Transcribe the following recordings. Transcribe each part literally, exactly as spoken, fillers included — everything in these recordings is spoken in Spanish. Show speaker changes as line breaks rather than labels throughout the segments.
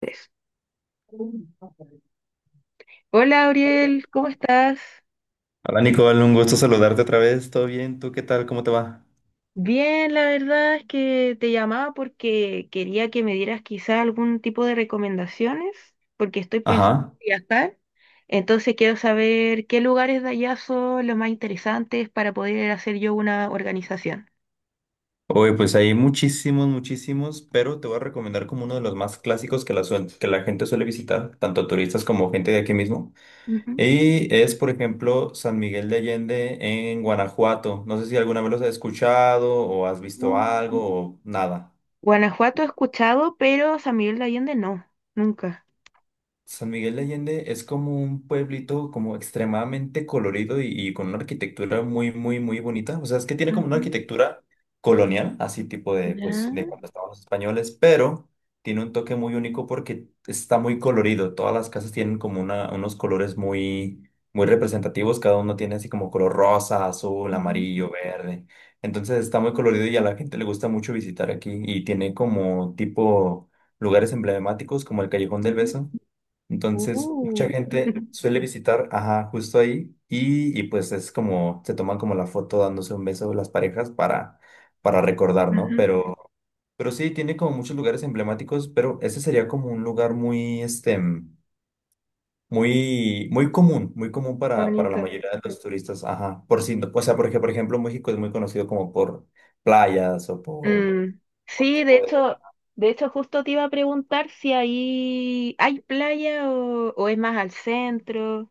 Tres. Hola, Auriel, ¿cómo estás?
Hola Nicole, un gusto saludarte otra vez. ¿Todo bien? ¿Tú qué tal? ¿Cómo te va?
Bien, la verdad es que te llamaba porque quería que me dieras quizá algún tipo de recomendaciones, porque estoy pensando
Ajá.
en viajar. Entonces quiero saber qué lugares de allá son los más interesantes para poder hacer yo una organización.
Oye, pues hay muchísimos, muchísimos, pero te voy a recomendar como uno de los más clásicos que la, suen- que la gente suele visitar, tanto turistas como gente de aquí mismo.
Ujú.
Y es, por ejemplo, San Miguel de Allende en Guanajuato. No sé si alguna vez los has escuchado o has visto
Mm.
algo o nada.
Guanajuato he escuchado, pero San Miguel de Allende no, nunca.
San Miguel de Allende es como un pueblito como extremadamente colorido y, y con una arquitectura muy, muy, muy bonita. O sea, es que tiene como una
Ujú.
arquitectura colonial, así tipo de, pues, de cuando
Ya.
estaban los españoles, pero tiene un toque muy único porque está muy colorido. Todas las casas tienen como una, unos colores muy, muy representativos. Cada uno tiene así como color rosa, azul,
Ujú.
amarillo, verde. Entonces está muy colorido y a la gente le gusta mucho visitar aquí y tiene como tipo lugares emblemáticos como el Callejón del
Ujú.
Beso. Entonces, mucha
Uh.
gente suele visitar, ajá, justo ahí y, y pues es como, se toman como la foto dándose un beso las parejas para, para recordar, ¿no?
Ujú.
Pero, pero sí, tiene como muchos lugares emblemáticos, pero ese sería como un lugar muy, este, mm, muy, muy común, muy común para, para la
Bonito.
mayoría de los turistas, ajá. Por si, O sea, porque, por ejemplo, México es muy conocido como por playas o por,
Mm,
por
sí, de
tipo de
hecho, de hecho justo te iba a preguntar si ahí hay playa o, o es más al centro.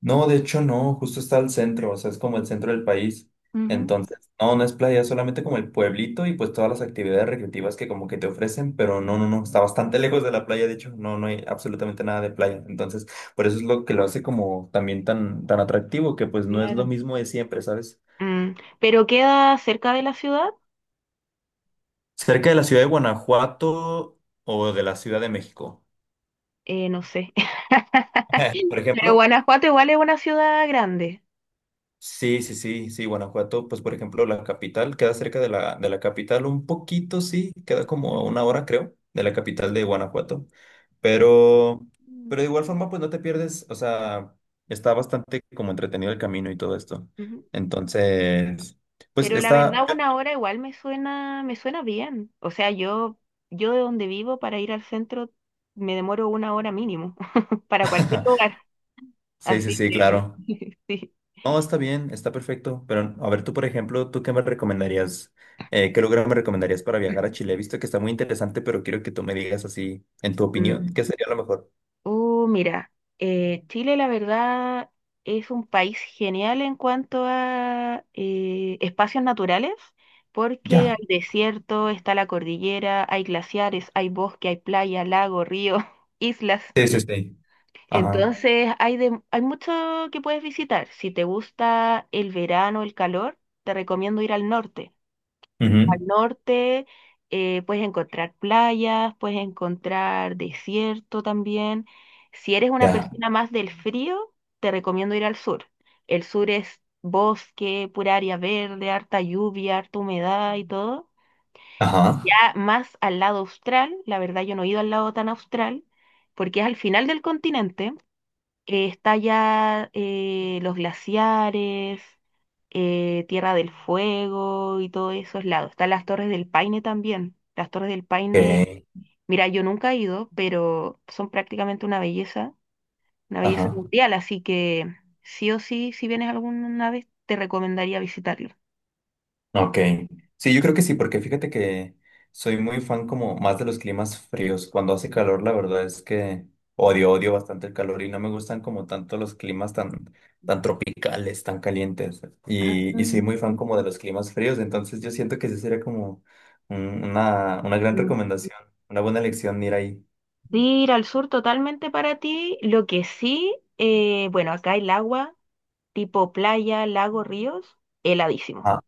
No, de hecho no, justo está al centro, o sea, es como el centro del país.
Ujú.
Entonces, no, no es playa, es solamente como el pueblito y pues todas las actividades recreativas que como que te ofrecen, pero no, no, no, está bastante lejos de la playa, de hecho, no, no hay absolutamente nada de playa. Entonces, por eso es lo que lo hace como también tan, tan atractivo, que pues no es lo
Claro.
mismo de siempre, ¿sabes?
Mm, pero queda cerca de la ciudad.
Cerca de la ciudad de Guanajuato o de la Ciudad de México.
Eh, no sé.
Por
Pero
ejemplo,
Guanajuato igual es una ciudad grande.
sí, sí, sí, sí, Guanajuato, pues por ejemplo, la capital queda cerca de la, de la capital, un poquito, sí, queda como a
Ujú.
una hora, creo, de la capital de Guanajuato, pero,
Mm,
pero de igual forma, pues no te pierdes, o sea, está bastante como entretenido el camino y todo esto.
ujú.
Entonces, pues
Pero la
está,
verdad una hora igual me suena, me suena bien. O sea, yo, yo de donde vivo para ir al centro me demoro una hora mínimo para cualquier lugar.
sí, sí,
Así
sí,
que,
claro.
sí.
No, está bien, está perfecto. Pero a ver, tú, por ejemplo, ¿tú qué me recomendarías? Eh, ¿qué lugar me recomendarías para viajar a Chile? He visto que está muy interesante, pero quiero que tú me digas así, en tu
Mm.
opinión, ¿qué sería lo mejor?
Uh, mira, eh, Chile la verdad es un país genial en cuanto a eh, espacios naturales, porque hay
Ya,
desierto, está la cordillera, hay glaciares, hay bosque, hay playa, lago, río, islas.
sí, sí, sí. Ajá.
Entonces hay, de- hay mucho que puedes visitar. Si te gusta el verano, el calor, te recomiendo ir al norte. Al
Ujú.
norte, eh, puedes encontrar playas, puedes encontrar desierto también. Si eres una
Ya.
persona más del frío, te recomiendo ir al sur. El sur es bosque, pura área verde, harta lluvia, harta humedad y todo. Ya
Ajá.
más al lado austral, la verdad yo no he ido al lado tan austral, porque es al final del continente, eh, está ya eh, los glaciares, eh, Tierra del Fuego y todos esos lados. Están las Torres del Paine también. Las Torres del Paine,
Ok.
mira, yo nunca he ido, pero son prácticamente una belleza, una belleza
Ajá.
mundial, así que sí o sí, si vienes alguna vez, te recomendaría visitarlo.
Ok. Sí, yo creo que sí, porque fíjate que soy muy fan como más de los climas fríos. Cuando hace calor, la verdad es que odio, odio bastante el calor y no me gustan como tanto los climas tan, tan tropicales, tan calientes.
Ah,
Y, y soy muy fan como de los climas fríos, entonces yo siento que esa sería como un- una, una gran
mm.
recomendación, una buena elección, ir ahí.
Sí, ir al sur totalmente para ti. Lo que sí, eh, bueno, acá el agua, tipo playa, lago, ríos,
Ah,
heladísimo.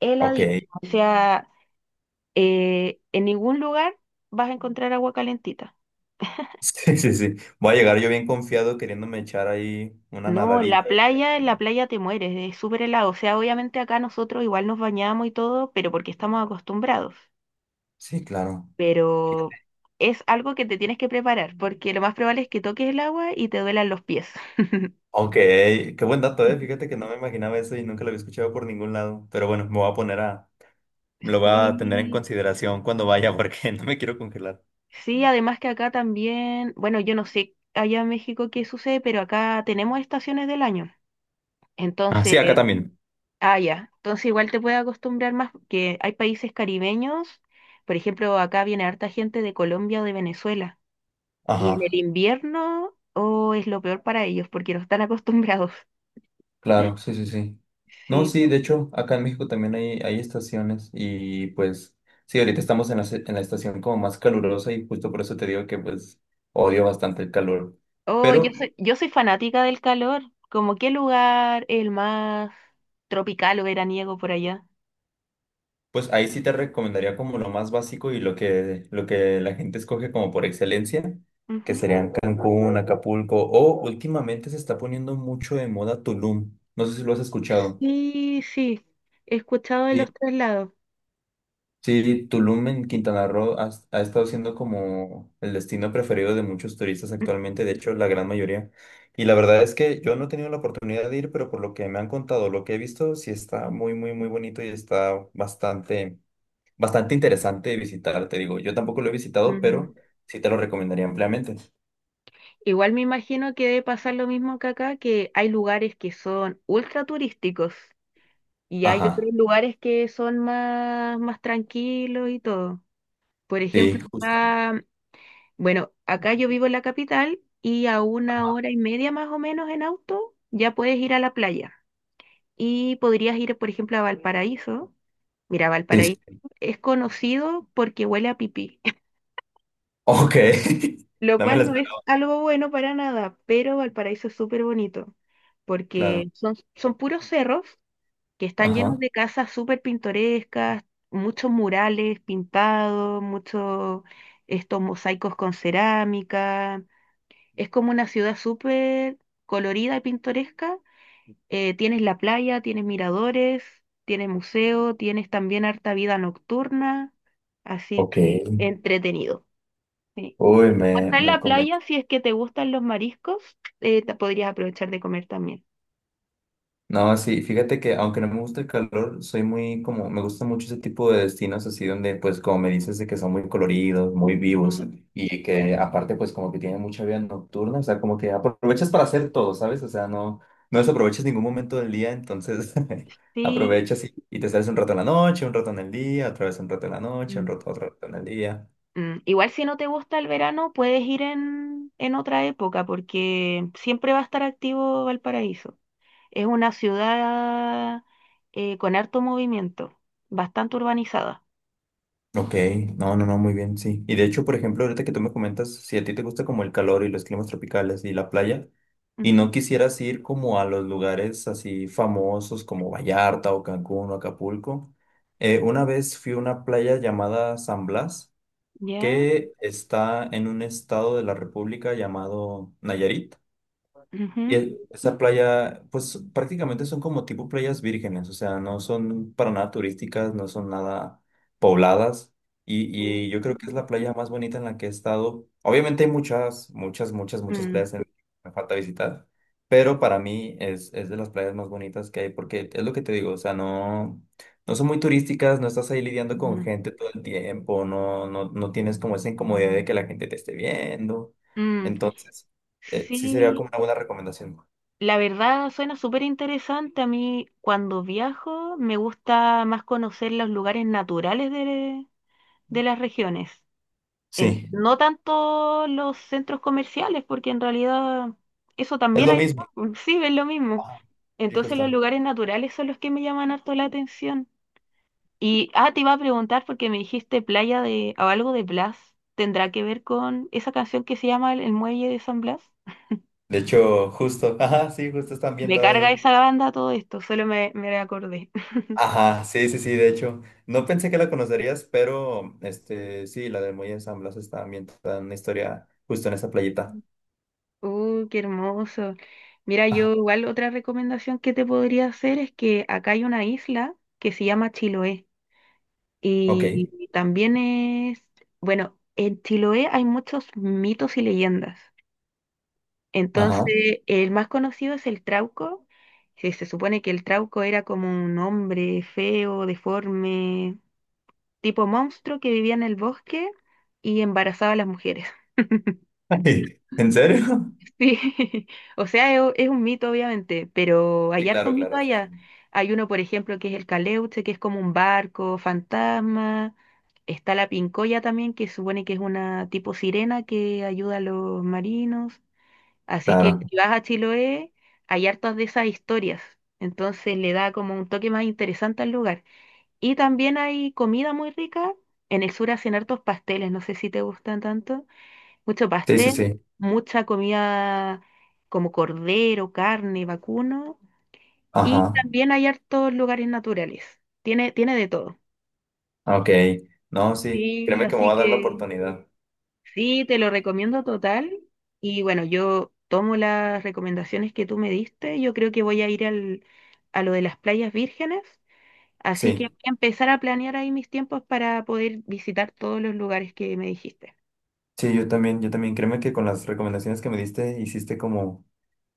Él.
ok.
O sea, eh, en ningún lugar vas a encontrar agua calentita.
Sí, sí, sí. Voy a llegar yo bien confiado queriéndome echar ahí una
No, la
nadadita y al
playa, en la
final-
playa te mueres, es súper helado. O sea, obviamente acá nosotros igual nos bañamos y todo, pero porque estamos acostumbrados.
Sí, claro.
Pero es algo que te tienes que preparar, porque lo más probable es que toques el agua y te duelan los pies.
Aunque, qué buen dato, eh. fíjate que no me imaginaba eso y nunca lo había escuchado por ningún lado. Pero bueno, me voy a poner a, me lo voy a tener en
Sí,
consideración cuando vaya porque no me quiero congelar.
sí, además que acá también, bueno, yo no sé allá en México qué sucede, pero acá tenemos estaciones del año.
Ah, sí,
Entonces,
acá también.
ah, ya. Entonces igual te puedes acostumbrar más, que hay países caribeños, por ejemplo, acá viene harta gente de Colombia o de Venezuela, y en el
Ajá,
invierno, oh, es lo peor para ellos, porque no están acostumbrados.
claro, sí, sí, sí. No,
Sí.
sí, de hecho, acá en México también hay, hay estaciones y pues, sí, ahorita estamos en la, se- en la estación como más calurosa y justo por eso te digo que pues odio bastante el calor.
Oh, yo
Pero
soy, yo soy fanática del calor. ¿Como qué lugar es el más tropical o veraniego por allá?
pues ahí sí te recomendaría como lo más básico y lo que, lo que la gente escoge como por excelencia, que
Ujú.
serían Cancún, Acapulco o últimamente se está poniendo mucho de moda Tulum. No sé si lo has escuchado.
Sí, sí, he escuchado de
Sí,
los traslados.
sí, Tulum en Quintana Roo ha, ha estado siendo como el destino preferido de muchos turistas actualmente, de hecho la gran mayoría. Y la verdad es que yo no he tenido la oportunidad de ir, pero por lo que me han contado, lo que he visto, sí está muy, muy, muy bonito y está bastante bastante interesante visitar, te digo. Yo tampoco lo he visitado,
Mm.
pero sí te lo recomendaría ampliamente.
Igual me imagino que debe pasar lo mismo que acá, que hay lugares que son ultra turísticos y hay otros
Ajá,
lugares que son más, más tranquilos y todo. Por
sí,
ejemplo,
justo.
acá, bueno, acá yo vivo en la capital y a una hora y media más o menos en auto ya puedes ir a la playa. Y podrías ir, por ejemplo, a Valparaíso. Mira,
Sí, sí.
Valparaíso es conocido porque huele a pipí,
Ok.
lo
No me la
cual no es
esperaba,
algo bueno para nada, pero Valparaíso es súper bonito,
claro.
porque son, son puros cerros que están llenos
Ajá.
de casas súper pintorescas, muchos murales pintados, muchos estos mosaicos con cerámica. Es como una ciudad súper colorida y pintoresca. Eh, tienes la playa, tienes miradores, tienes museo, tienes también harta vida nocturna, así
Ok.
que entretenido. Sí.
Uy,
Y como
me,
está en
me
la playa, si es que te gustan los mariscos, eh, te podrías aprovechar de comer también.
No, sí, fíjate que aunque no me gusta el calor, soy muy como, me gusta mucho ese tipo de destinos así donde pues como me dices de que son muy coloridos, muy
Mm,
vivos y que aparte pues como que tienen mucha vida nocturna, o sea, como que aprovechas para hacer todo, ¿sabes? O sea, no, no desaprovechas ningún momento del día, entonces
sí.
aprovechas y, y te sales un rato en la noche, un rato en el día, otra vez un rato en la noche, un
Mm,
rato, otro rato en el día.
mm. Igual si no te gusta el verano, puedes ir en, en otra época, porque siempre va a estar activo Valparaíso. Es una ciudad eh, con harto movimiento, bastante urbanizada.
Ok, no, no, no, muy bien, sí. Y de hecho, por ejemplo, ahorita que tú me comentas, si a ti te gusta como el calor y los climas tropicales y la playa, y no
Ujú,
quisieras ir como a los lugares así famosos como Vallarta o Cancún o Acapulco, eh, una vez fui a una playa llamada San Blas,
¿ya?
que está en un estado de la República llamado Nayarit. Y
Ujú.
e- esa playa, pues prácticamente son como tipo playas vírgenes, o sea, no son para nada turísticas, no son nada pobladas. Y, y yo creo que es la playa más bonita en la que he estado. Obviamente hay muchas, muchas, muchas, muchas
Mm,
playas en- que me falta visitar, pero para mí es, es de las playas más bonitas que hay, porque es lo que te digo, o sea, no, no son muy turísticas, no estás ahí lidiando
mm,
con gente
mm.
todo el tiempo, no, no, no tienes como esa incomodidad de que la gente te esté viendo.
Mm,
Entonces... Eh, sí sería como
sí.
una buena recomendación.
La verdad suena súper interesante. A mí cuando viajo me gusta más conocer los lugares naturales de, de las regiones. En-
Sí.
no tanto los centros comerciales, porque en realidad eso
Es
también
lo
hay,
mismo.
sí, es lo mismo.
Ajá, sí,
Entonces los
justo.
lugares naturales son los que me llaman harto la atención. Y, ah, te iba a preguntar porque me dijiste playa de, o algo de Blas. ¿Tendrá que ver con esa canción que se llama El, el Muelle de San Blas?
De hecho, justo. Ajá, sí, justo está
Me
ambientada
carga
ahí.
esa banda todo esto, solo me, me acordé.
Ajá, sí, sí, sí, de hecho. No pensé que la conocerías, pero este, sí, la de Muelle de San Blas está ambientada en una historia justo en esa playita.
Uh, qué hermoso. Mira,
Ajá,
yo igual otra recomendación que te podría hacer es que acá hay una isla que se llama Chiloé y
ok.
también es, bueno, en Chiloé hay muchos mitos y leyendas.
Ajá.
Entonces, el más conocido es el Trauco, que se supone que el Trauco era como un hombre feo, deforme, tipo monstruo que vivía en el bosque y embarazaba a las mujeres.
Ay, ¿en serio?
Sí, o sea, es, u- es un mito obviamente, pero hay
Sí,
hartos
claro,
mitos
claro. Sí, sí.
allá. Hay uno, por ejemplo, que es el Caleuche, que es como un barco fantasma. Está la Pincoya también, que supone que es una tipo sirena que ayuda a los marinos. Así que
Claro.
si vas a Chiloé, hay hartas de esas historias. Entonces le da como un toque más interesante al lugar. Y también hay comida muy rica. En el sur hacen hartos pasteles, no sé si te gustan tanto. Mucho
Sí, sí,
pastel,
sí.
mucha comida como cordero, carne, vacuno y
Ajá.
también hay hartos lugares naturales. Tiene, tiene de todo.
Ok. No, sí.
Sí,
Créeme que me
así
va a dar la
que
oportunidad.
sí, te lo recomiendo total. Y bueno, yo tomo las recomendaciones que tú me diste. Yo creo que voy a ir al, a lo de las playas vírgenes. Así que
Sí.
voy a empezar a planear ahí mis tiempos para poder visitar todos los lugares que me dijiste.
Sí, yo también, yo también. Créeme que con las recomendaciones que me diste, hiciste como,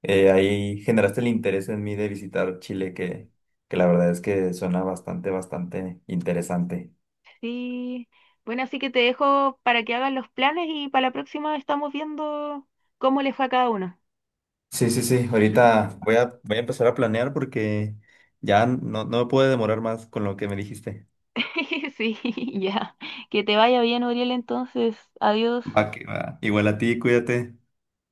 eh, ahí generaste el interés en mí de visitar Chile, que, que la verdad es que suena bastante, bastante interesante.
Sí. Bueno, así que te dejo para que hagan los planes y para la próxima estamos viendo cómo le fue a cada uno.
Sí, sí, sí. Ahorita voy a, voy a empezar a planear porque ya no, no me puedo demorar más con lo que me dijiste.
Sí, ya. Que te vaya bien, Uriel, entonces. Adiós.
Va que va. Igual a ti, cuídate.